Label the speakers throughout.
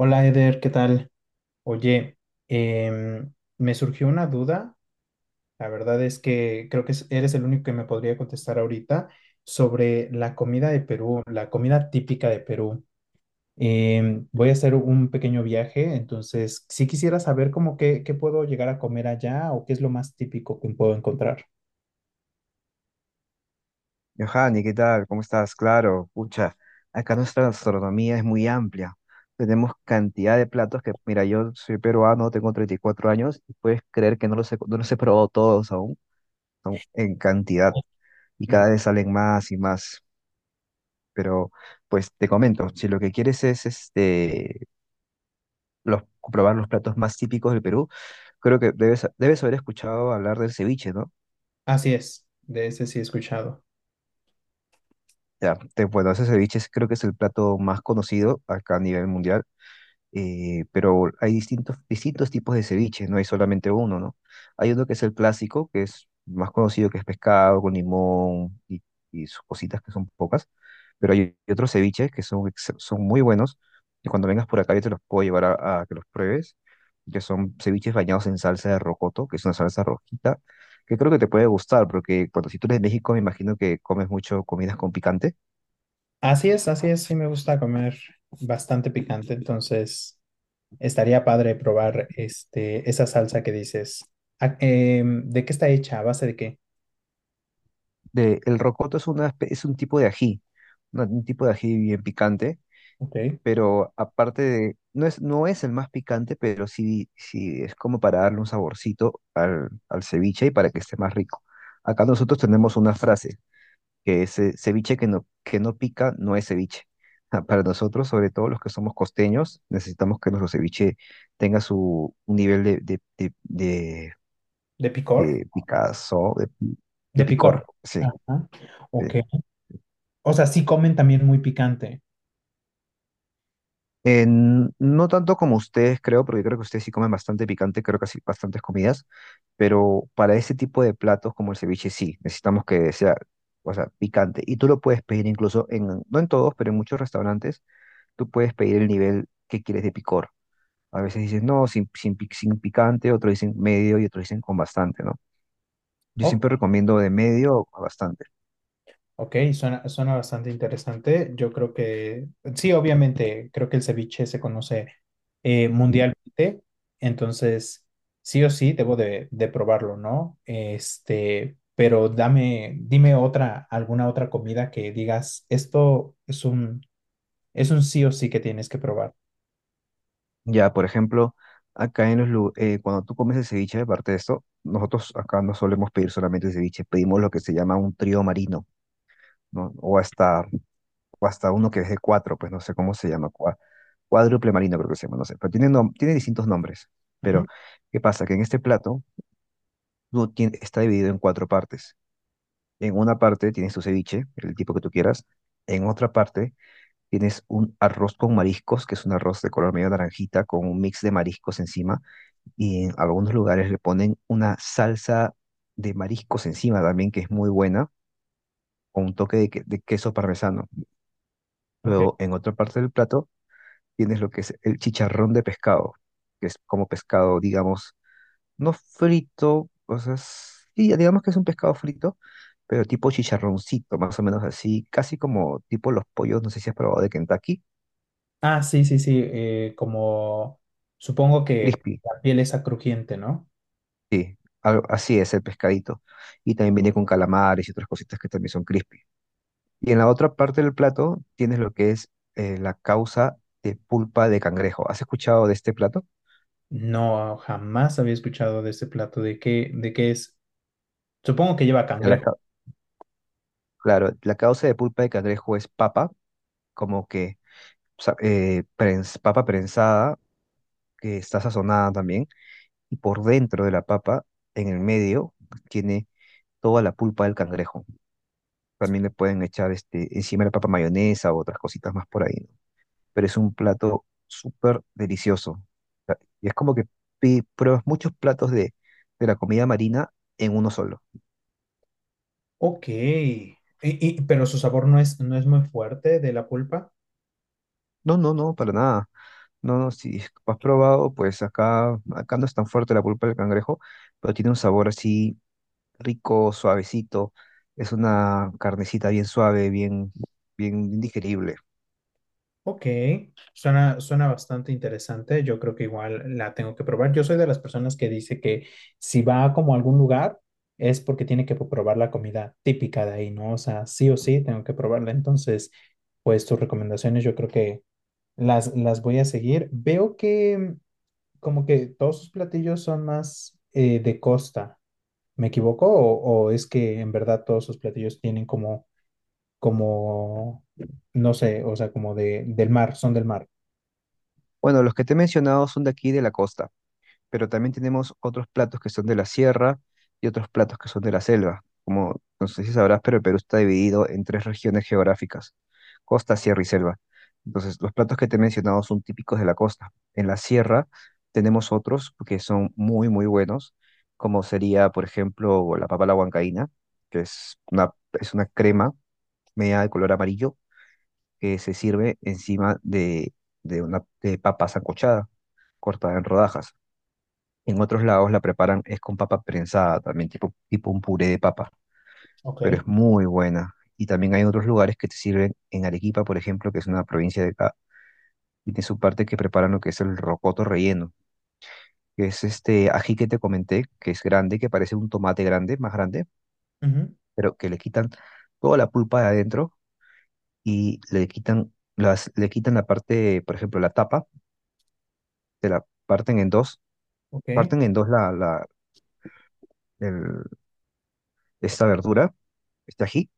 Speaker 1: Hola Eder, ¿qué tal? Oye, em, me surgió una duda, la verdad es que creo que eres el único que me podría contestar ahorita sobre la comida de Perú, la comida típica de Perú. Voy a hacer un pequeño viaje, entonces si quisiera saber cómo qué, qué puedo llegar a comer allá o qué es lo más típico que puedo encontrar.
Speaker 2: Johanny, ¿qué tal? ¿Cómo estás? Claro, pucha, acá nuestra gastronomía es muy amplia. Tenemos cantidad de platos que, mira, yo soy peruano, tengo 34 años y puedes creer que no los he probado todos aún, son en cantidad y
Speaker 1: Muy
Speaker 2: cada
Speaker 1: bien.
Speaker 2: vez salen más y más. Pero, pues te comento, si lo que quieres es los, probar los platos más típicos del Perú, creo que debes haber escuchado hablar del ceviche, ¿no?
Speaker 1: Así es, de ese sí he escuchado.
Speaker 2: Ya, bueno, ese ceviche creo que es el plato más conocido acá a nivel mundial, pero hay distintos tipos de ceviche, no hay solamente uno, ¿no? Hay uno que es el clásico, que es más conocido, que es pescado con limón y sus cositas que son pocas, pero hay otros ceviches que son muy buenos, y cuando vengas por acá yo te los puedo llevar a que los pruebes, que son ceviches bañados en salsa de rocoto, que es una salsa rojita, que creo que te puede gustar, porque cuando si tú eres de México me imagino que comes mucho comidas con picante.
Speaker 1: Así es, sí me gusta comer bastante picante, entonces... Estaría padre probar este, esa salsa que dices. Ah, ¿de qué está hecha? ¿A base de qué?
Speaker 2: El rocoto es un tipo de ají, un tipo de ají bien picante,
Speaker 1: Ok.
Speaker 2: pero aparte de, no es, no es el más picante, pero sí, sí es como para darle un saborcito al ceviche y para que esté más rico. Acá nosotros tenemos una frase que es ceviche que no pica no es ceviche. Ah, para nosotros, sobre todo los que somos costeños, necesitamos que nuestro ceviche tenga su un nivel de, de,
Speaker 1: ¿De picor?
Speaker 2: de picazón, de
Speaker 1: De picor.
Speaker 2: picor, sí.
Speaker 1: Ajá. Ok. O sea, sí comen también muy picante.
Speaker 2: No tanto como ustedes, creo, porque creo que ustedes sí comen bastante picante, creo que sí, bastantes comidas, pero para ese tipo de platos como el ceviche sí, necesitamos que o sea, picante. Y tú lo puedes pedir incluso en, no en todos, pero en muchos restaurantes, tú puedes pedir el nivel que quieres de picor. A veces dicen, no, sin picante, otros dicen medio y otros dicen con bastante, ¿no? Yo siempre recomiendo de medio a bastante.
Speaker 1: Ok, suena, suena bastante interesante. Yo creo que, sí, obviamente, creo que el ceviche se conoce mundialmente, entonces sí o sí debo de probarlo, ¿no? Este, pero dame, dime otra, alguna otra comida que digas, esto es un sí o sí que tienes que probar.
Speaker 2: Ya, por ejemplo, acá en cuando tú comes el ceviche, aparte de esto, nosotros acá no solemos pedir solamente ceviche, pedimos lo que se llama un trío marino, ¿no? O hasta uno que es de cuatro, pues no sé cómo se llama, cuádruple marino creo que se llama, no sé, pero tiene distintos nombres.
Speaker 1: Ujú,
Speaker 2: Pero, ¿qué pasa? Que en este plato está dividido en cuatro partes. En una parte tienes tu ceviche, el tipo que tú quieras, en otra parte tienes un arroz con mariscos, que es un arroz de color medio naranjita, con un mix de mariscos encima y en algunos lugares le ponen una salsa de mariscos encima también, que es muy buena, o un toque de queso parmesano.
Speaker 1: ok.
Speaker 2: Luego, en otra parte del plato, tienes lo que es el chicharrón de pescado, que es como pescado, digamos, no frito, o sea, sí, digamos que es un pescado frito, pero tipo chicharroncito, más o menos así, casi como tipo los pollos, no sé si has probado de Kentucky,
Speaker 1: Ah, sí, sí, sí, como supongo que
Speaker 2: crispy,
Speaker 1: la piel es crujiente, ¿no?
Speaker 2: sí, así es el pescadito. Y también viene con calamares y otras cositas que también son crispy. Y en la otra parte del plato tienes lo que es la causa de pulpa de cangrejo. ¿Has escuchado de este plato?
Speaker 1: No, jamás había escuchado de este plato. De qué es? Supongo que lleva
Speaker 2: la
Speaker 1: cangrejo.
Speaker 2: cau- claro, la causa de pulpa de cangrejo es papa, como que papa prensada, que está sazonada también, y por dentro de la papa, en el medio, tiene toda la pulpa del cangrejo. También le pueden echar este, encima de la papa mayonesa o otras cositas más por ahí, pero es un plato súper delicioso. O sea, y es como que pruebas muchos platos de la comida marina en uno solo.
Speaker 1: Ok. Y, pero su sabor no es, no es muy fuerte de la pulpa.
Speaker 2: No, no, no, para nada. No, no, si has probado, pues acá no es tan fuerte la pulpa del cangrejo, pero tiene un sabor así rico, suavecito. Es una carnecita bien suave, bien digerible.
Speaker 1: Ok. Suena, suena bastante interesante. Yo creo que igual la tengo que probar. Yo soy de las personas que dice que si va como a algún lugar es porque tiene que probar la comida típica de ahí, ¿no? O sea, sí o sí tengo que probarla. Entonces, pues tus recomendaciones yo creo que las voy a seguir. Veo que mm, como que todos sus platillos son más de costa. ¿Me equivoco? O es que en verdad todos sus platillos tienen como, como, no sé, o sea, como de, del mar, son del mar?
Speaker 2: Bueno, los que te he mencionado son de aquí de la costa, pero también tenemos otros platos que son de la sierra y otros platos que son de la selva. Como no sé si sabrás, pero Perú está dividido en tres regiones geográficas, costa, sierra y selva. Entonces, los platos que te he mencionado son típicos de la costa. En la sierra tenemos otros que son muy, muy buenos, como sería, por ejemplo, la papa a la huancaína, que es es una crema media de color amarillo que se sirve encima de una de papa sancochada cortada en rodajas. En otros lados la preparan es con papa prensada también, tipo un puré de papa,
Speaker 1: Ok,
Speaker 2: pero es muy buena. Y también hay otros lugares que te sirven en Arequipa, por ejemplo, que es una provincia de acá, y tiene su parte que preparan lo que es el rocoto relleno, que es este ají que te comenté, que es grande, que parece un tomate grande, más grande,
Speaker 1: ujú,
Speaker 2: pero que le quitan toda la pulpa de adentro y le quitan le quitan la parte, por ejemplo, la tapa, te la
Speaker 1: ok,
Speaker 2: parten en dos el- esta verdura, este ají,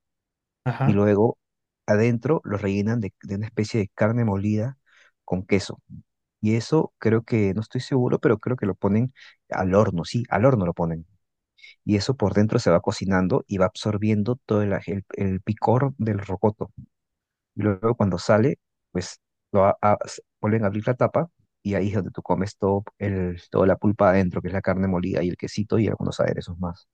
Speaker 2: y
Speaker 1: ajá.
Speaker 2: luego adentro lo rellenan de una especie de carne molida con queso. Y eso creo que, no estoy seguro, pero creo que lo ponen al horno, sí, al horno lo ponen. Y eso por dentro se va cocinando y va absorbiendo todo el picor del rocoto. Y luego cuando sale, pues lo a- s- vuelven a abrir la tapa y ahí es donde tú comes toda la pulpa adentro, que es la carne molida y el quesito y algunos aderezos más.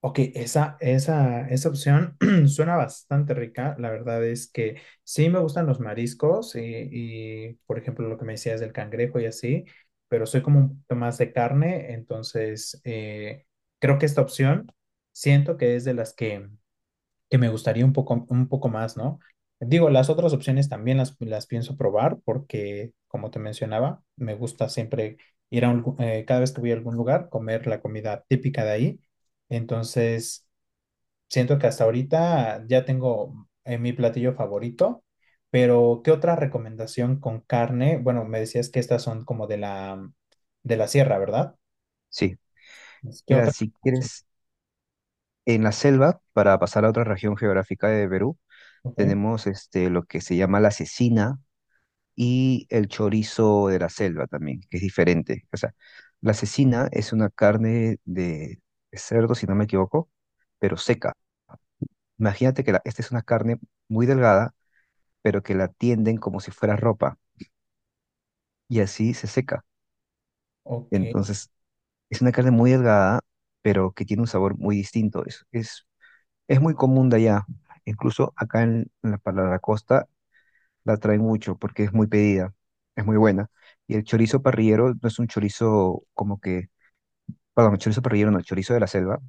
Speaker 1: Ok, esa opción suena bastante rica. La verdad es que sí me gustan los mariscos y, por ejemplo, lo que me decías del cangrejo y así, pero soy como un poquito más de carne, entonces creo que esta opción siento que es de las que me gustaría un poco más, ¿no? Digo, las otras opciones también las pienso probar porque, como te mencionaba, me gusta siempre ir a un, cada vez que voy a algún lugar, comer la comida típica de ahí. Entonces, siento que hasta ahorita ya tengo mi platillo favorito, pero ¿qué otra recomendación con carne? Bueno, me decías que estas son como de de la sierra, ¿verdad?
Speaker 2: Sí,
Speaker 1: ¿Qué
Speaker 2: mira,
Speaker 1: otra?
Speaker 2: si quieres, en la selva, para pasar a otra región geográfica de Perú,
Speaker 1: Ok,
Speaker 2: tenemos este, lo que se llama la cecina y el chorizo de la selva también, que es diferente. O sea, la cecina es una carne de cerdo, si no me equivoco, pero seca. Imagínate que esta es una carne muy delgada, pero que la tienden como si fuera ropa y así se seca.
Speaker 1: ok.
Speaker 2: Entonces, es una carne muy delgada, pero que tiene un sabor muy distinto. Es muy común de allá. Incluso acá en la, para la costa la traen mucho porque es muy pedida, es muy buena. Y el chorizo parrillero no es un chorizo como que, perdón, el chorizo parrillero no, el chorizo de la selva,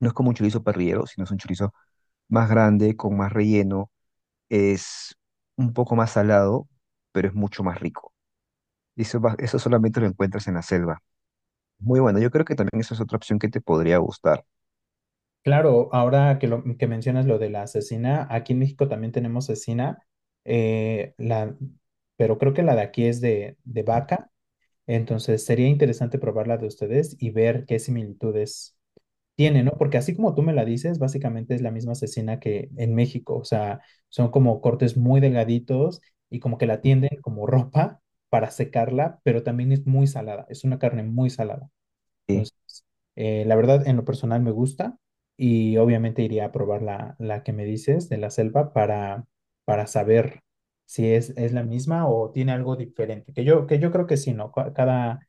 Speaker 2: no es como un chorizo parrillero, sino es un chorizo más grande, con más relleno, es un poco más salado, pero es mucho más rico. Y eso solamente lo encuentras en la selva. Muy bueno, yo creo que también esa es otra opción que te podría gustar.
Speaker 1: Claro, ahora que mencionas lo de la cecina, aquí en México también tenemos cecina, eh, la, pero creo que la de aquí es de vaca, entonces sería interesante probar la de ustedes y ver qué similitudes tiene, ¿no? Porque así como tú me la dices, básicamente es la misma cecina que en México, o sea, son como cortes muy delgaditos y como que la tienden como ropa para secarla, pero también es muy salada, es una carne muy salada.
Speaker 2: Sí.
Speaker 1: Entonces, la verdad, en lo personal me gusta y obviamente iría a probar la que me dices de la selva para saber si es, es la misma o tiene algo diferente. Que yo creo que sí, ¿no? Cada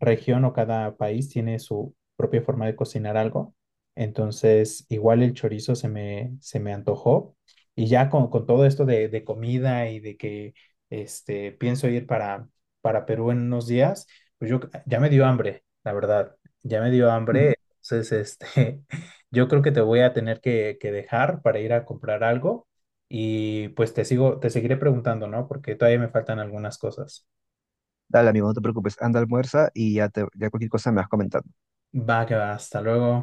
Speaker 1: región o cada país tiene su propia forma de cocinar algo. Entonces, igual el chorizo se me antojó. Y ya con todo esto de comida y de que este, pienso ir para Perú en unos días, pues yo ya me dio hambre, la verdad. Ya me dio hambre, entonces este, yo creo que te voy a tener que dejar para ir a comprar algo y pues te sigo, te seguiré preguntando, ¿no? Porque todavía me faltan algunas cosas.
Speaker 2: Dale, amigo, no te preocupes, anda, almuerza y ya, ya cualquier cosa me vas comentando.
Speaker 1: Va que va, hasta luego.